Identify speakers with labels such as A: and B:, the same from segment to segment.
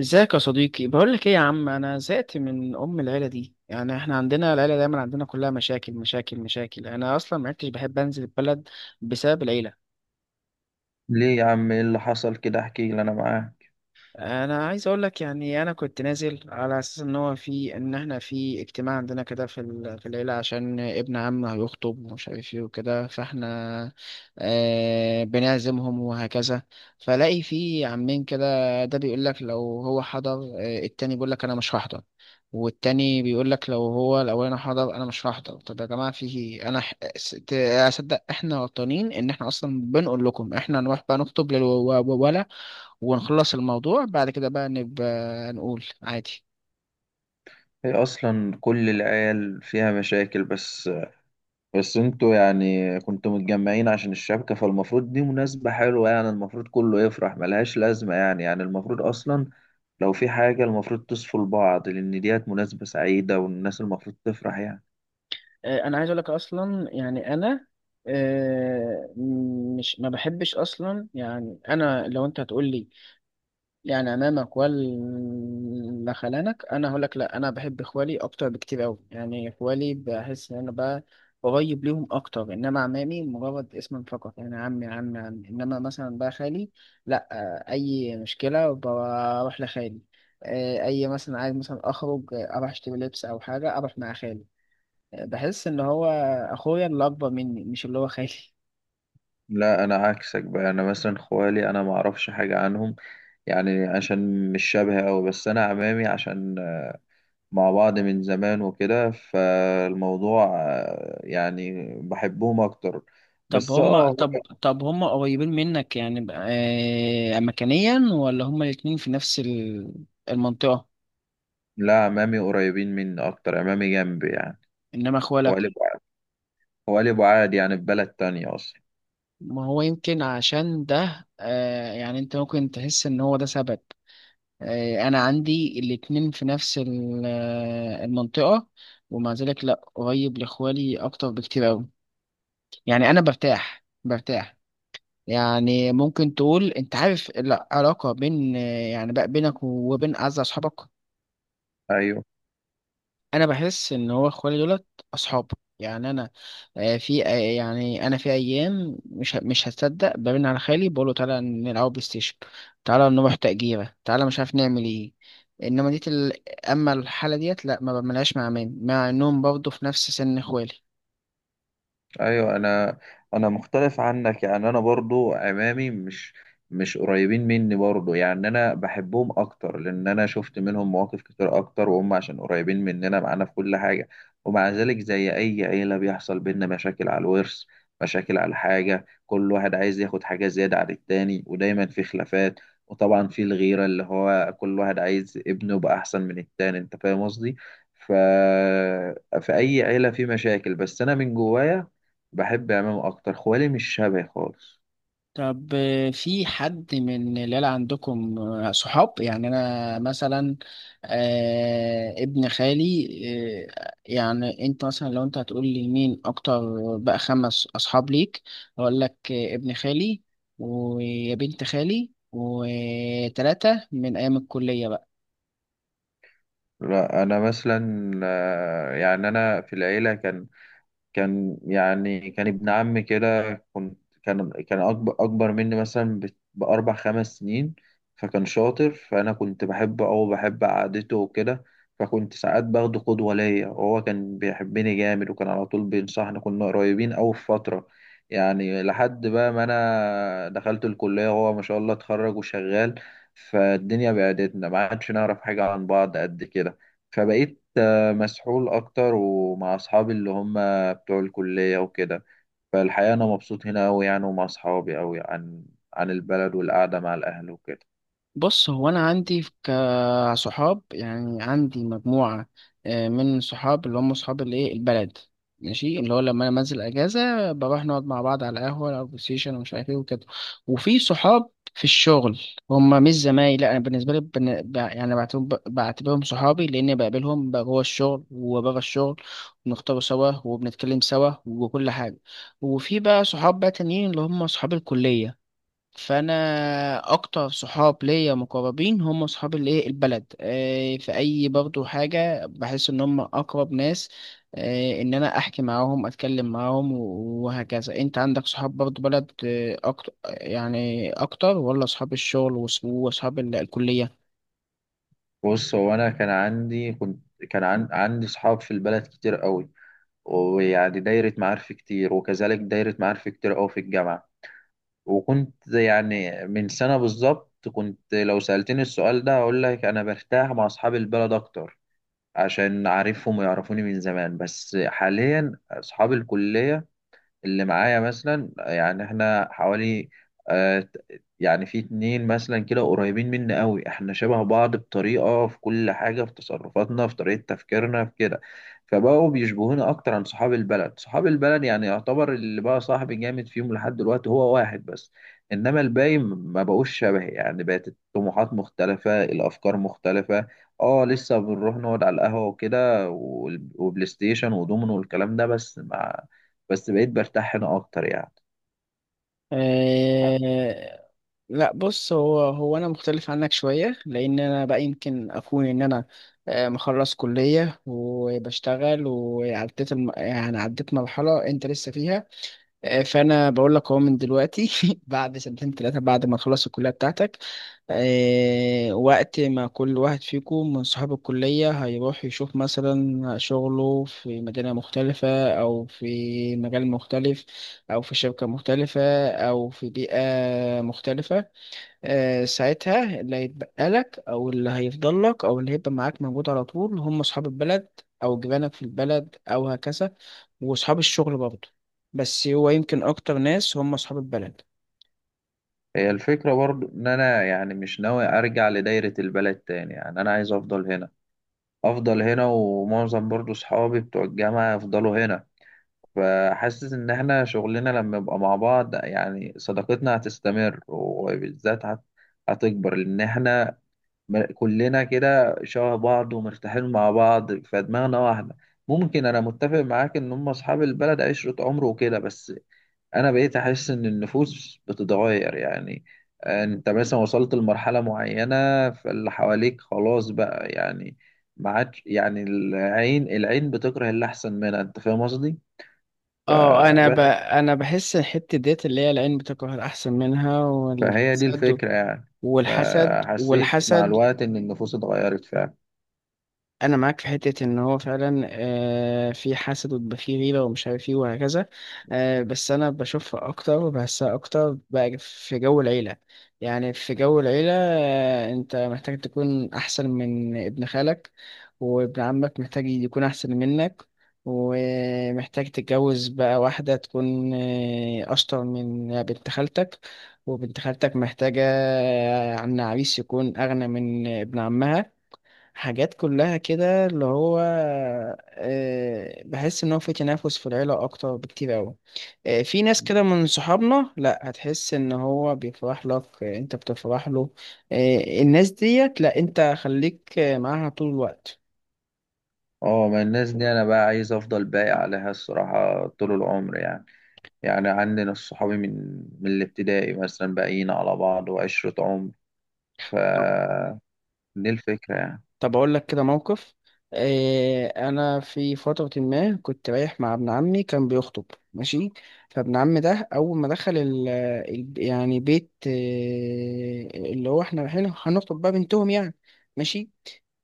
A: ازيك يا صديقي؟ بقول لك ايه يا عم، انا زهقت من ام العيله دي. يعني احنا عندنا العيله دايما عندنا كلها مشاكل مشاكل مشاكل. انا اصلا ما عدتش بحب انزل البلد بسبب العيله.
B: ليه يا عم، ايه اللي حصل كده؟ احكي لي انا معاك.
A: انا عايز اقول لك، يعني انا كنت نازل على اساس ان احنا في اجتماع عندنا كده في العيله عشان ابن عم هيخطب، ومش عارف ايه وكده، فاحنا بنعزمهم وهكذا. فلاقي في عمين كده، ده بيقول لك لو هو حضر، التاني بيقول لك انا مش هحضر، والتاني بيقول لك لو هو الاولاني حضر انا مش هحضر. طب يا جماعه، في انا اصدق احنا غلطانين ان احنا اصلا بنقول لكم، احنا نروح بقى نخطب للولا ونخلص الموضوع، بعد كده بقى نبقى نقول عادي.
B: هي اصلا كل العيال فيها مشاكل. بس انتوا يعني كنتوا متجمعين عشان الشبكة، فالمفروض دي مناسبة حلوة. يعني المفروض كله يفرح، ملهاش لازمة. يعني المفروض اصلا لو في حاجة المفروض تصفوا لبعض، لان ديت مناسبة سعيدة والناس المفروض تفرح يعني.
A: انا عايز اقول لك اصلا، يعني انا آه، مش ما بحبش اصلا. يعني انا لو انت هتقول لي يعني امامك ولا خلانك، انا هقول لك لا، انا بحب اخوالي اكتر بكتير قوي. يعني اخوالي بحس ان انا بقى قريب ليهم اكتر، انما عمامي مجرد اسم فقط، يعني عمي عمي عمي. انما مثلا بقى خالي، لا، اي مشكله بروح لخالي. اي مثلا عايز مثلا اخرج، اروح اشتري لبس او حاجه، اروح مع خالي. بحس ان هو اخويا اللي اكبر مني، مش اللي هو خالي.
B: لا، انا عكسك بقى، انا مثلا خوالي انا ما اعرفش حاجة عنهم، يعني عشان مش شبه أوي. بس أنا عمامي عشان مع بعض من زمان وكده، فالموضوع يعني بحبهم أكتر.
A: طب
B: بس
A: هم طب طب هم قريبين منك، يعني مكانيا، ولا هم الاتنين في نفس المنطقة؟
B: لا، عمامي قريبين مني أكتر، عمامي جنبي يعني.
A: انما
B: هو
A: اخوالك،
B: قلب هو قلب عادي يعني، في بلد تانية أصلا.
A: ما هو يمكن عشان ده يعني انت ممكن تحس ان هو ده سبب. انا عندي الاتنين في نفس المنطقة، ومع ذلك لا، قريب لاخوالي اكتر بكتير اوي. يعني انا برتاح برتاح. يعني ممكن تقول، انت عارف العلاقة بين يعني بقى بينك وبين اعز اصحابك،
B: أيوه.
A: انا بحس ان هو اخوالي دولت اصحاب. يعني انا في ايام مش هتصدق برن على خالي بقول له تعالى نلعب بلاي ستيشن، تعالى نروح تأجيرة، تعالى مش عارف نعمل ايه. انما ديت اما الحاله ديت، لا ما بعملهاش مع مين، مع انهم برضه في نفس سن اخوالي.
B: ايوه، انا مختلف عنك يعني، انا برضو عمامي مش قريبين مني برضو. يعني انا بحبهم اكتر لان انا شفت منهم مواقف كتير اكتر، وهم عشان قريبين مننا معانا في كل حاجة. ومع ذلك زي اي عيلة بيحصل بينا مشاكل على الورث، مشاكل على حاجة، كل واحد عايز ياخد حاجة زيادة عن التاني، ودايما في خلافات. وطبعا في الغيرة، اللي هو كل واحد عايز ابنه يبقى احسن من التاني، انت فاهم قصدي. ف... في اي عيلة في مشاكل، بس انا من جوايا بحب امام اكتر، خوالي مش شبهي خالص.
A: طب في حد من العيلة عندكم صحاب؟ يعني أنا مثلا ابن خالي، يعني أنت مثلا لو أنت هتقول لي مين أكتر بقى خمس أصحاب ليك، أقول لك ابن خالي وبنت خالي وتلاتة من أيام الكلية.
B: لا، انا مثلا يعني انا في العيله كان كان يعني كان ابن عمي كده، كنت كان كان أكبر مني مثلا بأربع خمس سنين. فكان شاطر، فأنا كنت بحبه أو بحب قعدته وكده. فكنت ساعات باخده قدوة ليا، وهو كان بيحبني جامد، وكان على طول بينصحني، كنا قريبين أوي في فترة. يعني لحد بقى ما أنا دخلت الكلية وهو ما شاء الله اتخرج وشغال، فالدنيا بعدتنا، ما عادش نعرف حاجة عن بعض قد كده. فبقيت مسحول أكتر ومع أصحابي اللي هم بتوع الكلية وكده. فالحقيقة أنا مبسوط هنا أوي يعني، ومع أصحابي أوي عن البلد والقعدة مع الأهل وكده.
A: بص، هو انا عندي كصحاب يعني عندي مجموعه من صحاب اللي هم صحاب الايه البلد، ماشي، اللي هو لما انا بنزل اجازه بروح نقعد مع بعض على قهوه او بلاي ستيشن ومش عارف ايه وكده. وفي صحاب في الشغل، هم مش زمايلي، لا، انا بالنسبه لي يعني بعتبرهم صحابي، لاني بقابلهم بقى جوه الشغل وبره الشغل، بنختار سوا وبنتكلم سوا وكل حاجه. وفي بقى صحاب بقى تانيين اللي هم صحاب الكليه. فانا اكتر صحاب ليا مقربين هم صحاب الايه البلد. في اي برضو حاجه بحس ان هم اقرب ناس ان انا احكي معاهم اتكلم معاهم وهكذا. انت عندك صحاب برضو بلد اكتر، يعني اكتر، ولا صحاب الشغل واصحاب الكليه؟
B: بص، هو أنا كان عندي كنت كان عن عندي صحاب في البلد كتير أوي، ويعني دايرة معارف كتير، وكذلك دايرة معارف كتير أوي في الجامعة. وكنت يعني من سنة بالظبط، كنت لو سألتني السؤال ده هقول لك أنا برتاح مع أصحاب البلد أكتر، عشان عارفهم ويعرفوني من زمان. بس حاليا أصحاب الكلية اللي معايا مثلا، يعني احنا حوالي آه، ت- يعني في اتنين مثلا كده قريبين مني قوي، احنا شبه بعض بطريقة في كل حاجة، في تصرفاتنا، في طريقة تفكيرنا، في كده. فبقوا بيشبهونا اكتر عن صحاب البلد. صحاب البلد يعني يعتبر اللي بقى صاحبي جامد فيهم لحد دلوقتي هو واحد بس. انما الباقي ما بقوش شبهي، يعني بقت الطموحات مختلفة، الافكار مختلفة. اه، لسه بنروح نقعد على القهوة وكده، وبلاي ستيشن ودومينو والكلام ده بس. بس بقيت برتاح هنا اكتر يعني.
A: آه، لا، بص، هو انا مختلف عنك شويه، لان انا بقى يمكن اكون ان انا مخلص كليه وبشتغل، وعديت يعني عديت مرحله انت لسه فيها. فانا بقول لك اهو من دلوقتي بعد سنتين ثلاثه بعد ما تخلص الكليه بتاعتك، وقت ما كل واحد فيكم من صحاب الكليه هيروح يشوف مثلا شغله في مدينه مختلفه، او في مجال مختلف، او في شركه مختلفه، او في بيئه مختلفه، ساعتها اللي هيتبقى لك او اللي هيفضل لك او اللي هيبقى معاك موجود على طول هم اصحاب البلد، او جيرانك في البلد او هكذا، واصحاب الشغل برضه. بس هو يمكن اكتر ناس هم اصحاب البلد.
B: هي الفكرة برضو ان انا يعني مش ناوي ارجع لدايرة البلد تاني، يعني انا عايز افضل هنا ومعظم برضو صحابي بتوع الجامعة يفضلوا هنا. فحاسس ان احنا شغلنا لما يبقى مع بعض، يعني صداقتنا هتستمر وبالذات هتكبر، لان احنا كلنا كده شبه بعض ومرتاحين مع بعض، فدماغنا واحدة. ممكن انا متفق معاك ان هم اصحاب البلد عشرة عمر وكده، بس انا بقيت احس ان النفوس بتتغير يعني. انت مثلا وصلت لمرحلة معينة، فاللي حواليك خلاص بقى يعني، ما عادش يعني العين بتكره اللي احسن منها، انت فاهم قصدي.
A: اه، انا
B: فبس،
A: انا بحس الحته ديت اللي هي العين بتكره الاحسن منها،
B: فهي دي
A: والحسد
B: الفكرة يعني.
A: والحسد
B: فحسيت مع
A: والحسد.
B: الوقت ان النفوس اتغيرت فعلا.
A: انا معاك في حته ان هو فعلا في حسد، وبيبقى في غيره ومش عارف ايه وهكذا، بس انا بشوفها اكتر وبحسها اكتر بقى في جو العيله. يعني في جو العيله انت محتاج تكون احسن من ابن خالك، وابن عمك محتاج يكون احسن منك، ومحتاج تتجوز بقى واحده تكون اشطر من بنت خالتك، وبنت خالتك محتاجه عن عريس يكون اغنى من ابن عمها. حاجات كلها كده اللي هو بحس ان هو في تنافس في العيله اكتر بكتير قوي. في ناس كده من صحابنا لا هتحس ان هو بيفرح لك، انت بتفرح له، الناس ديت لا، انت خليك معاها طول الوقت.
B: اه، ما الناس دي انا بقى عايز افضل باقي عليها الصراحة طول العمر يعني. يعني عندنا الصحابي من الابتدائي مثلا باقيين على بعض وعشرة عمر. ف دي الفكرة يعني.
A: طب أقول لك كده موقف إيه. أنا في فترة ما كنت رايح مع ابن عمي كان بيخطب، ماشي. فابن عمي ده أول ما دخل يعني بيت إيه، اللي هو إحنا رايحين هنخطب بقى بنتهم يعني، ماشي.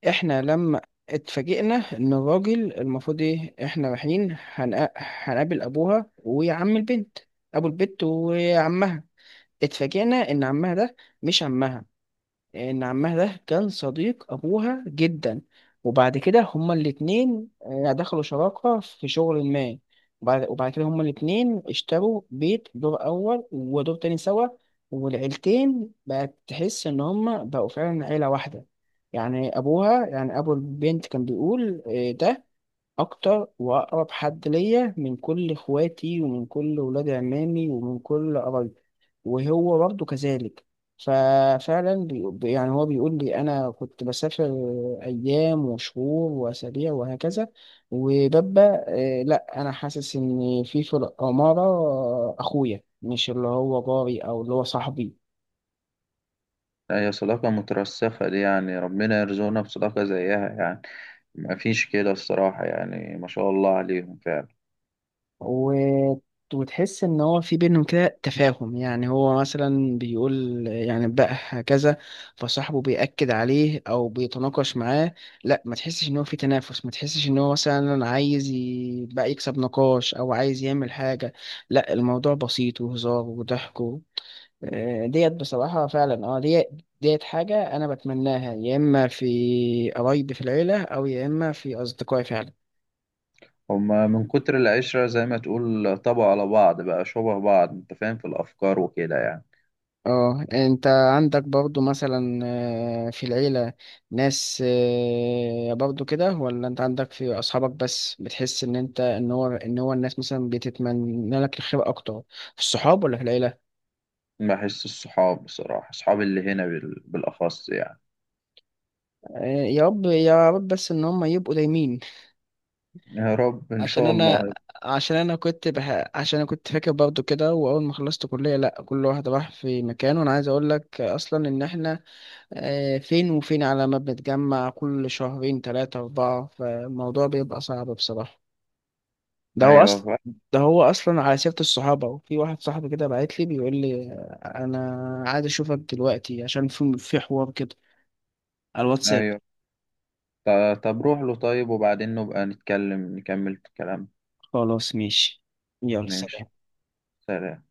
A: إحنا لما اتفاجئنا إن الراجل المفروض إيه، إحنا رايحين هنقابل أبوها وعم البنت، أبو البنت وعمها. اتفاجئنا إن عمها ده مش عمها. ان عمها ده كان صديق ابوها جدا، وبعد كده هما الاتنين دخلوا شراكة في شغل ما، وبعد كده هما الاتنين اشتروا بيت دور اول ودور تاني سوا، والعيلتين بقت تحس ان هما بقوا فعلا عيلة واحدة. يعني ابوها يعني ابو البنت كان بيقول ده اكتر واقرب حد ليا من كل اخواتي ومن كل ولاد عمامي ومن كل قرايبي. وهو برضه كذلك. ففعلا يعني هو بيقول لي انا كنت بسافر ايام وشهور واسابيع وهكذا، وببقى لا، انا حاسس ان في الاماره اخويا، مش اللي هو جاري او اللي هو صاحبي.
B: هي صداقة مترسخة دي، يعني ربنا يرزقنا بصداقة زيها يعني، مفيش كده الصراحة يعني، ما شاء الله عليهم فعلا.
A: و... وتحس ان هو في بينهم كده تفاهم. يعني هو مثلا بيقول يعني بقى هكذا، فصاحبه بيأكد عليه او بيتناقش معاه. لا ما تحسش ان هو في تنافس، ما تحسش ان هو مثلا عايز بقى يكسب نقاش او عايز يعمل حاجة. لا الموضوع بسيط وهزار وضحك ديت بصراحة فعلا. اه، ديت حاجة انا بتمناها، يا اما في قرايبي في العيلة او يا اما في اصدقائي فعلا.
B: هما من كتر العشرة زي ما تقول طبعوا على بعض، بقى شبه بعض انت فاهم، في الأفكار وكده يعني.
A: اه، انت عندك برضو مثلا في العيلة ناس برضو كده، ولا انت عندك في اصحابك بس بتحس ان انت ان هو ان هو الناس مثلا بتتمنى لك الخير اكتر، في الصحاب ولا في العيلة؟
B: بحس الصحاب بصراحة، صحابي اللي هنا بالأخص يعني.
A: يا رب يا رب بس ان هم يبقوا دايمين.
B: يا رب، إن
A: عشان
B: شاء
A: انا
B: الله.
A: عشان انا كنت فاكر برضو كده، واول ما خلصت كلية لا كل واحد راح في مكان، وانا عايز اقول لك اصلا ان احنا فين وفين، على ما بنتجمع كل شهرين تلاتة أربعة، فالموضوع بيبقى صعب بصراحة. ده هو أصلا
B: أيوه.
A: ده هو أصلا على سيرة الصحابة، وفي واحد صاحبي كده بعت لي بيقول لي أنا عايز أشوفك دلوقتي، عشان في حوار كده على الواتساب.
B: أيوه. طب روح له، طيب، وبعدين نبقى نتكلم نكمل الكلام.
A: خلاص ماشي، يلا
B: ماشي.
A: سلام.
B: سلام.